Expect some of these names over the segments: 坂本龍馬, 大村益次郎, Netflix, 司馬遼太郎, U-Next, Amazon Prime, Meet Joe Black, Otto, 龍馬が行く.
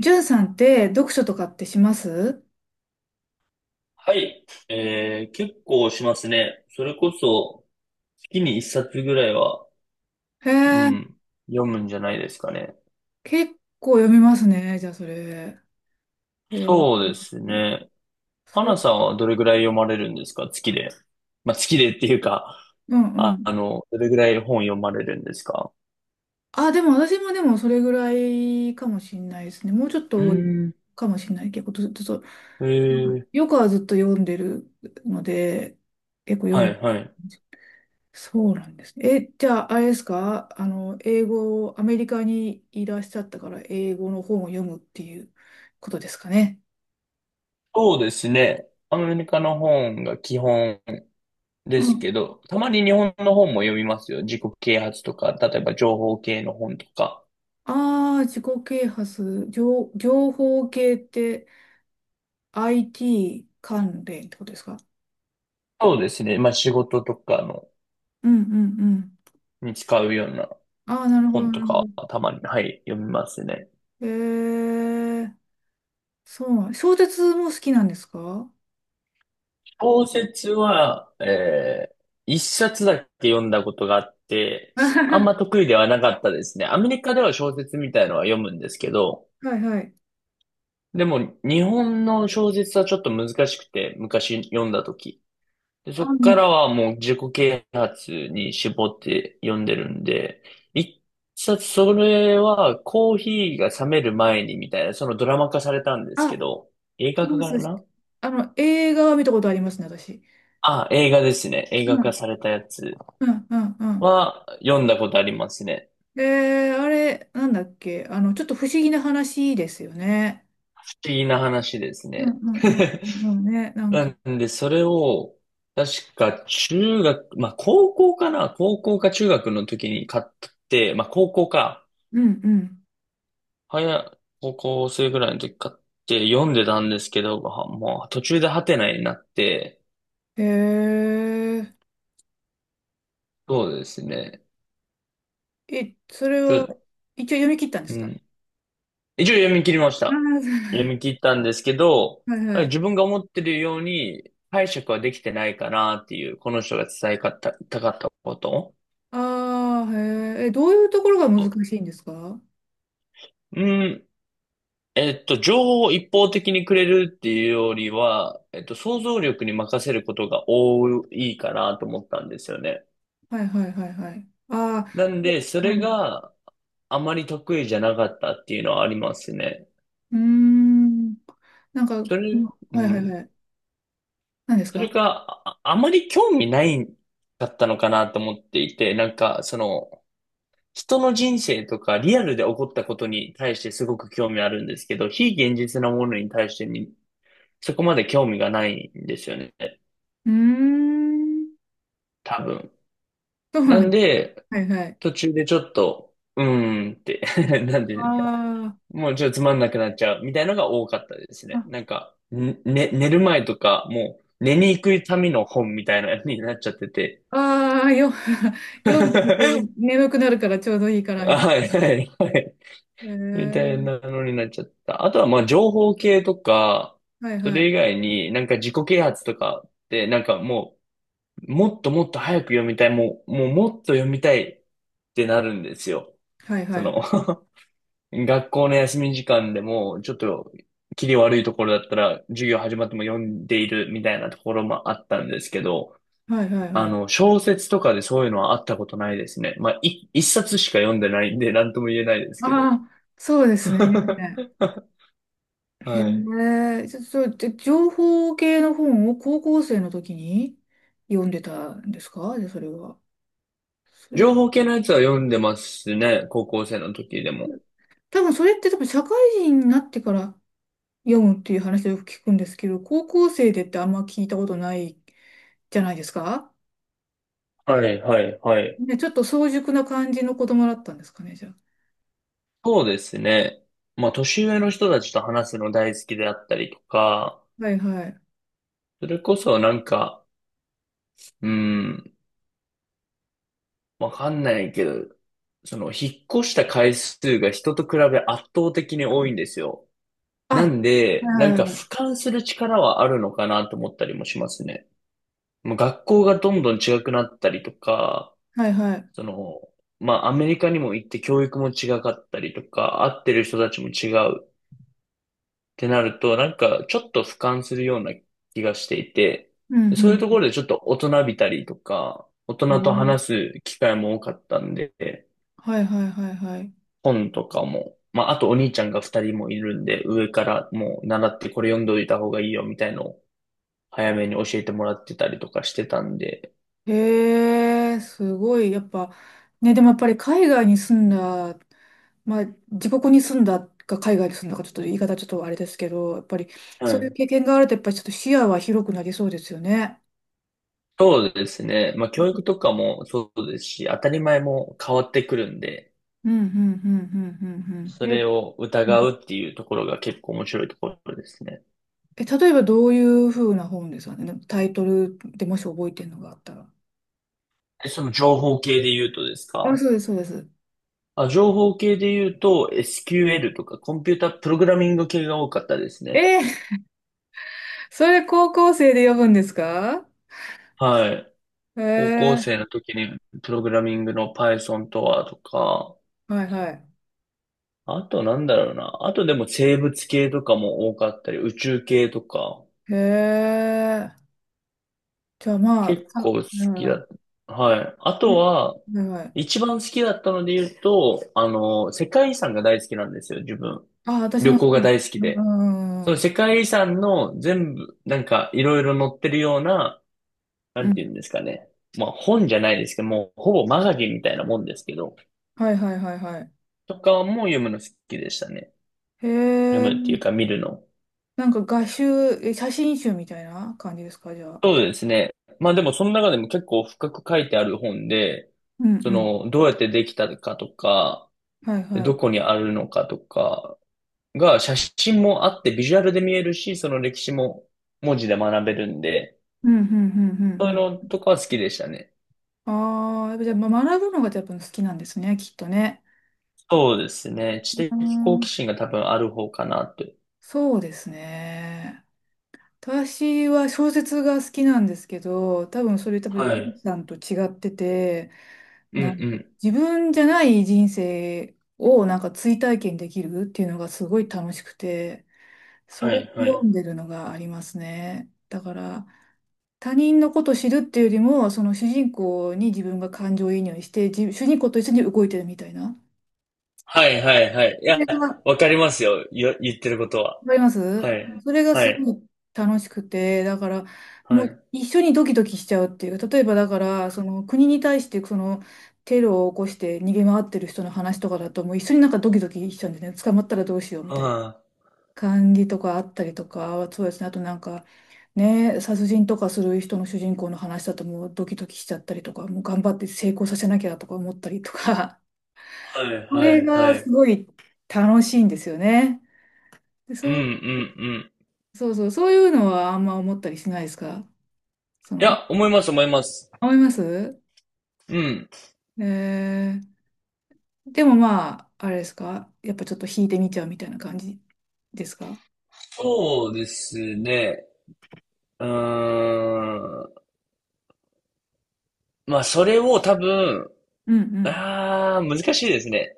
じゅんさんって読書とかってします？はい。結構しますね。それこそ、月に一冊ぐらいは、へうえ、ん、読むんじゃないですかね。結構読みますね、じゃあそれ。へえ、そうですね。そう、花さんはどれぐらい読まれるんですか月で。まあ、月でっていうか、うんうん。どれぐらい本読まれるんですか？あ、でも私もでもそれぐらいかもしんないですね。もうちょっうーと多いん、かもしんない。結構ずっと、そうえー、よくはずっと読んでるので、結構読はいむ。はい。そうなんですね。え、じゃああれですか英語、アメリカにいらっしゃったから英語の本を読むっていうことですかね。そうですね。アメリカの本が基本ですけど、たまに日本の本も読みますよ。自己啓発とか、例えば情報系の本とか。ああ、自己啓発、情、情報系って IT 関連ってことですか？そうですね。まあ仕事とかの、うんうんうん。に使うようなああ、なるほど、本なとるほかど。はたまに、はい、読みますね。ええ、そうなん。小説も好きなんですか？ 小説は、一冊だけ読んだことがあって、あんはま得意ではなかったですね。アメリカでは小説みたいのは読むんですけど、いはい。でも日本の小説はちょっと難しくて、昔読んだとき。で、そあ、っうかん、らはもう自己啓発に絞って読んでるんで、一冊それはコーヒーが冷める前にみたいな、そのドラマ化されたんですけあ、ど、映い画化ます。かな。あの、映画は見たことありますね、私。あ、映画ですね。映う画化んされたやつうんうんうん。は読んだことありますね。あれ、なんだっけ、ちょっと不思議な話ですよね。不思議な話ですうんね。うんうんうんうんね、な んなか。んで、それを、確か中学、まあ高校かな、高校か中学の時に買って、まあ高校か。うんうん。早、高校生ぐらいの時買って読んでたんですけど、はもう途中でハテナになって、へえ。そうですね。え、それちはょ、一応読み切ったんでうすか？ ん。一応読み切りましあた。あ、そ読う、み切ったんですけど、はいはい。自分が思ってるように解釈はできてないかなっていう、この人が伝えかった、こと。ああ、へえ。え、どういうところが難しいんですか？はうん。情報を一方的にくれるっていうよりは、想像力に任せることが多いかなと思ったんですよね。いはいはいはい。ああ、なんで、そそう、はいれはい。が、あまり得意じゃなかったっていうのはありますね。うーん。なんか、そうん、れ、うはいはいん。はい。何ですそれか？か、あまり興味ないかったのかなと思っていて、なんか、その、人の人生とかリアルで起こったことに対してすごく興味あるんですけど、非現実なものに対してに、そこまで興味がないんですよね。うーん。多分。そうななんんです。で、はいはい。途中でちょっと、うーんって なんていうんですか。あもうちょっとつまんなくなっちゃうみたいなのが多かったですあ、ね。なんか、ん、ね、寝る前とか、もう寝に行くための本みたいなのになっちゃってて。ああー、よ、読んでるとは眠くなるからちょうどいいかいらみたいはいはい。な。へみたいえ。なのになっちゃった。あとはまあ情報系とか、はいそはれい。以外になんか自己啓発とかってなんかもう、もっともっと早く読みたい、もうもっと読みたいってなるんですよ。はいはそいの はい。学校の休み時間でも、ちょっと、切り悪いところだったら、授業始まっても読んでいるみたいなところもあったんですけど、はいはいはあい。の、小説とかでそういうのはあったことないですね。まあ、一冊しか読んでないんで、なんとも言えないですけど。ああ、そうですね。へはい。え、ちょそう、で、情報系の本を高校生の時に読んでたんですか？で、それは。それ、情報系のやつは読んでますね。高校生の時でも。多分それって多分社会人になってから読むっていう話をよく聞くんですけど、高校生でってあんま聞いたことないじゃないですか？はい、はい、はい。ね、ちょっと早熟な感じの子供だったんですかね、じゃあ。そうですね。まあ、年上の人たちと話すの大好きであったりとか、はいはい。それこそなんか、うん、わかんないけど、その、引っ越した回数が人と比べ圧倒的に多いんですよ。なあ、んで、はないはんいかはい。俯瞰する力はあるのかなと思ったりもしますね。もう学校がどんどん違くなったりとか、はいはい。その、まあアメリカにも行って教育も違かったりとか、会ってる人たちも違うってなると、なんかちょっと俯瞰するような気がしていて、うそういうんところでちょっと大人びたりとか、大う人とん。話す機会も多かったんで、はいはいはいはい。本とかも、まあ、あとお兄ちゃんが二人もいるんで、上からもう習ってこれ読んどいた方がいいよみたいのを早めに教えてもらってたりとかしてたんで、へえ、すごい。やっぱ、ね、でもやっぱり海外に住んだ、まあ、自国に住んだか海外に住んだか、ちょっと言い方ちょっとあれですけど、やっぱりはそういい。う経験があると、やっぱりちょっと視野は広くなりそうですよね。そうですね。まあ、教育とかもそうですし、当たり前も変わってくるんで、うん、うん、うん、うん、うん。うそんえ、れをうん疑うっていうところが結構面白いところですね。え、例えばどういうふうな本ですかね。タイトルでもし覚えてるのがあったら。えその情報系で言うとですあ、か？そうです、そうです。あ、情報系で言うと SQL とかコンピュータプログラミング系が多かったですね。えー、それ高校生で読むんですか？はい。へ高校え、生の時にプログラミングの Python とはとか、はいはい。あとなんだろうな。あとでも生物系とかも多かったり、宇宙系とか、へえ。じゃあまあ、結構さ、好きうだっん、た。はい。あうとん、は、はいはい。一番好きだったので言うと、あの、世界遺産が大好きなんですよ、自分。あ、私旅も好行き。が大好きうで。そん、うのん、世界遺産の全部、なんかいろいろ載ってるような、なうんていん。うんですかね。まあ本じゃないですけど、もうほぼマガジンみたいなもんですけど、はいはいはいはい。とかも読むの好きでしたね。へ読え、むっていうか見るの。なんか画集、え、写真集みたいな感じですか、じゃあ。そうですね。まあでもその中でも結構深く書いてある本で、うんうそん。の、どうやってできたかとか、はいはどい。こにあるのかとかが写真もあってビジュアルで見えるし、その歴史も文字で学べるんで、うん、うん、うん、そうういうん、のうん。とかは好きでしたね。ああ、やっぱじゃあ、ま学ぶのがやっぱ好きなんですね、きっとね。そうですね。知う的好奇ん、心が多分ある方かなって。そうですね。私は小説が好きなんですけど、多分それ多分、ジはュンい。さんと違ってて、うなんうんかん。自分じゃない人生をなんか追体験できるっていうのがすごい楽しくて、そはれをいは読い。んでるのがありますね。だから、他人のことを知るっていうよりも、その主人公に自分が感情移入して、じ主人公と一緒に動いてるみたいな。はいはいはい。いそや、れがわかりますよ。言ってることは。わかりまはす、い。それがはすい。ごい楽しくて、だから、はもうい。一緒にドキドキしちゃうっていう、例えばだから、その国に対してそのテロを起こして逃げ回ってる人の話とかだと、もう一緒になんかドキドキしちゃうんですね、捕まったらどうしようみたいなは感じとかあったりとか、そうですね、あとなんか、ね、殺人とかする人の主人公の話だと、もうドキドキしちゃったりとか、もう頑張って成功させなきゃとか思ったりとか、い。はい そはれいはがすい。ごい楽しいんですよね。でうんうそんううん。そうそう、そういうのはあんま思ったりしないですか？そいの、や、思います思います。思います。うん。えでもまあ、あれですかやっぱちょっと引いてみちゃうみたいな感じですか？そうですね。うーん。まあ、それを多分、うんうん。ああ、難しいですね。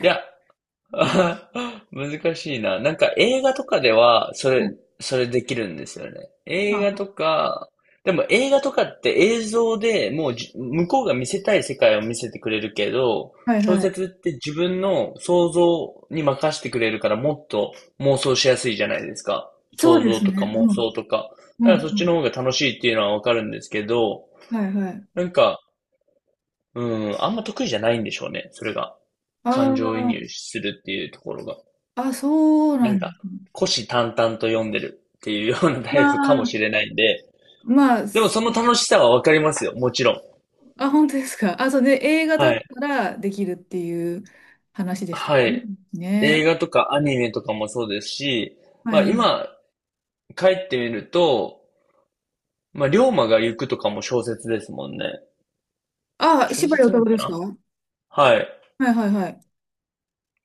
いや、あ難しいな。なんか映画とかでは、はい、それできるんですよね。映画とあ、か、でも映画とかって映像でもうじ向こうが見せたい世界を見せてくれるけど、はい小はい。説って自分の想像に任せてくれるからもっと妄想しやすいじゃないですか。そう想で像すとかね。妄う想ん。とか。うだかんらそっうちのん。方が楽しいっていうのはわかるんですけど、はいはい。なんか、うん、あんま得意じゃないんでしょうね。それが。感情移あ入するっていうところが。あ、あ、そうななんんでか、すね。虎視眈々と読んでるっていうようなタあイプかもしあ、れないんで、まあ、でもす、その楽しさはわかりますよ、もちろん。あ、本当ですか。あ、そうね、映画だはっい。たらできるっていう話でしたね。はい。映ね。画とかアニメとかもそうですし、はまいあはい。今、帰ってみると、まあ、龍馬が行くとかも小説ですもんね。あ、小柴良説太な郎のかですか？な。ははい。いはいはい。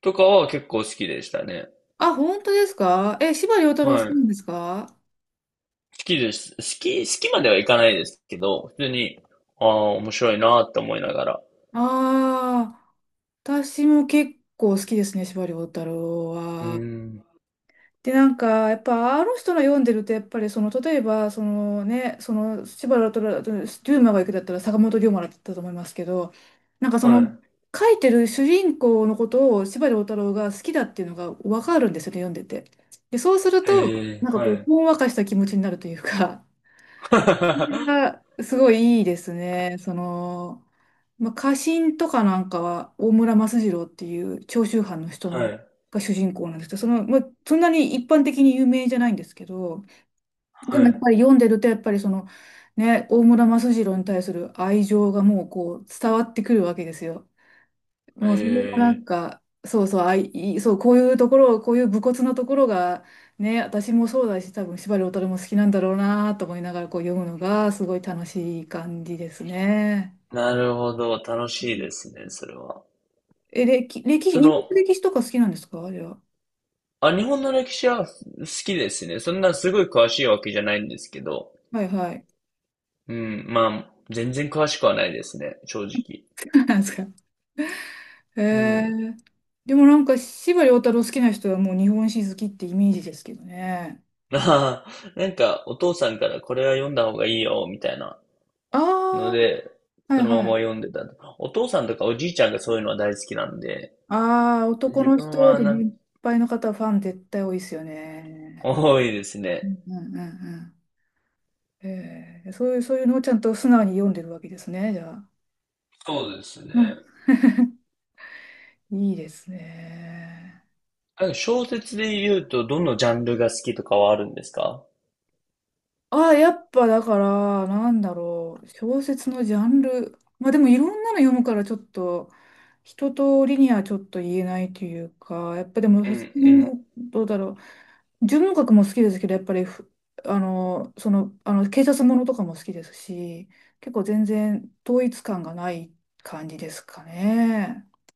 とかは結構好きでしたね。あ、本当ですか？え、司馬遼太郎好はきい。な好んですか？きです。好きまではいかないですけど、普通に、ああ、面白いなって思いながら。ああー、私も結構好きですね、司馬遼太郎うーは。ん。で、なんか、やっぱ、あの人の読んでると、やっぱり、その、例えば、そのね、その、司馬遼太郎、龍馬が行くだったら、坂本龍馬だったと思いますけど、なんかそはの、書いてる主人公のことを司馬遼太郎が好きだっていうのが分かるんですよね、読んでて。で、そうするい。と、えなえ、んかはこう、い。ほんわかした気持ちになるというか、それ がすごいいいですね、その、まあ、家臣とかなんかは大村益次郎っていう長州藩の人はい、が主人公なんですけど、その、まあ、そんなに一般的に有名じゃないんですけど、ではもやっい。ぱり読んでるとやっぱりその、ね、大村益次郎に対する愛情がもうこう伝わってくるわけですよ。もえうそれがなんえ、か、そうそう、あい、いそう、こういうところ、こういう武骨なところが、ね、私もそうだし、多分司馬遼太郎も好きなんだろうなと思いながらこう読むのがすごい楽しい感じですね。なるほど、楽しいですね、それは。え、歴、歴史、そ日本の、の歴史とか好きなんですか、じゃあ。あ、日本の歴史は好きですね。そんなすごい詳しいわけじゃないんですけど、はいはい。うん、まあ、全然詳しくはないですね、正直。なんですか。へうえ。ん。でもなんか、司馬遼太郎好きな人はもう日本史好きってイメージですけどね。ああ、なんか、お父さんからこれは読んだ方がいいよ、みたいなあのあ、で、はそいのまはい。ま読んでた。お父さんとかおじいちゃんがそういうのは大好きなんで、ああ、男自の分人はでなん、年配の方はファン絶対多いですよね。多いですうね。んうんうんうん。へえ、そういう、そういうのをちゃんと素直に読んでるわけですね、じゃあ。そうですね。うん、いいですね。あ小説で言うと、どのジャンルが好きとかはあるんですか？あ、やっぱだから、なんだろう、小説のジャンル。まあでもいろんなの読むからちょっと、一通りにはちょっと言えないというか、やっぱでも、うさんうすがにんどうだろう。純文学も好きですけど、やっぱりふ、あの、その、あの、警察ものとかも好きですし、結構全然統一感がない感じですかね。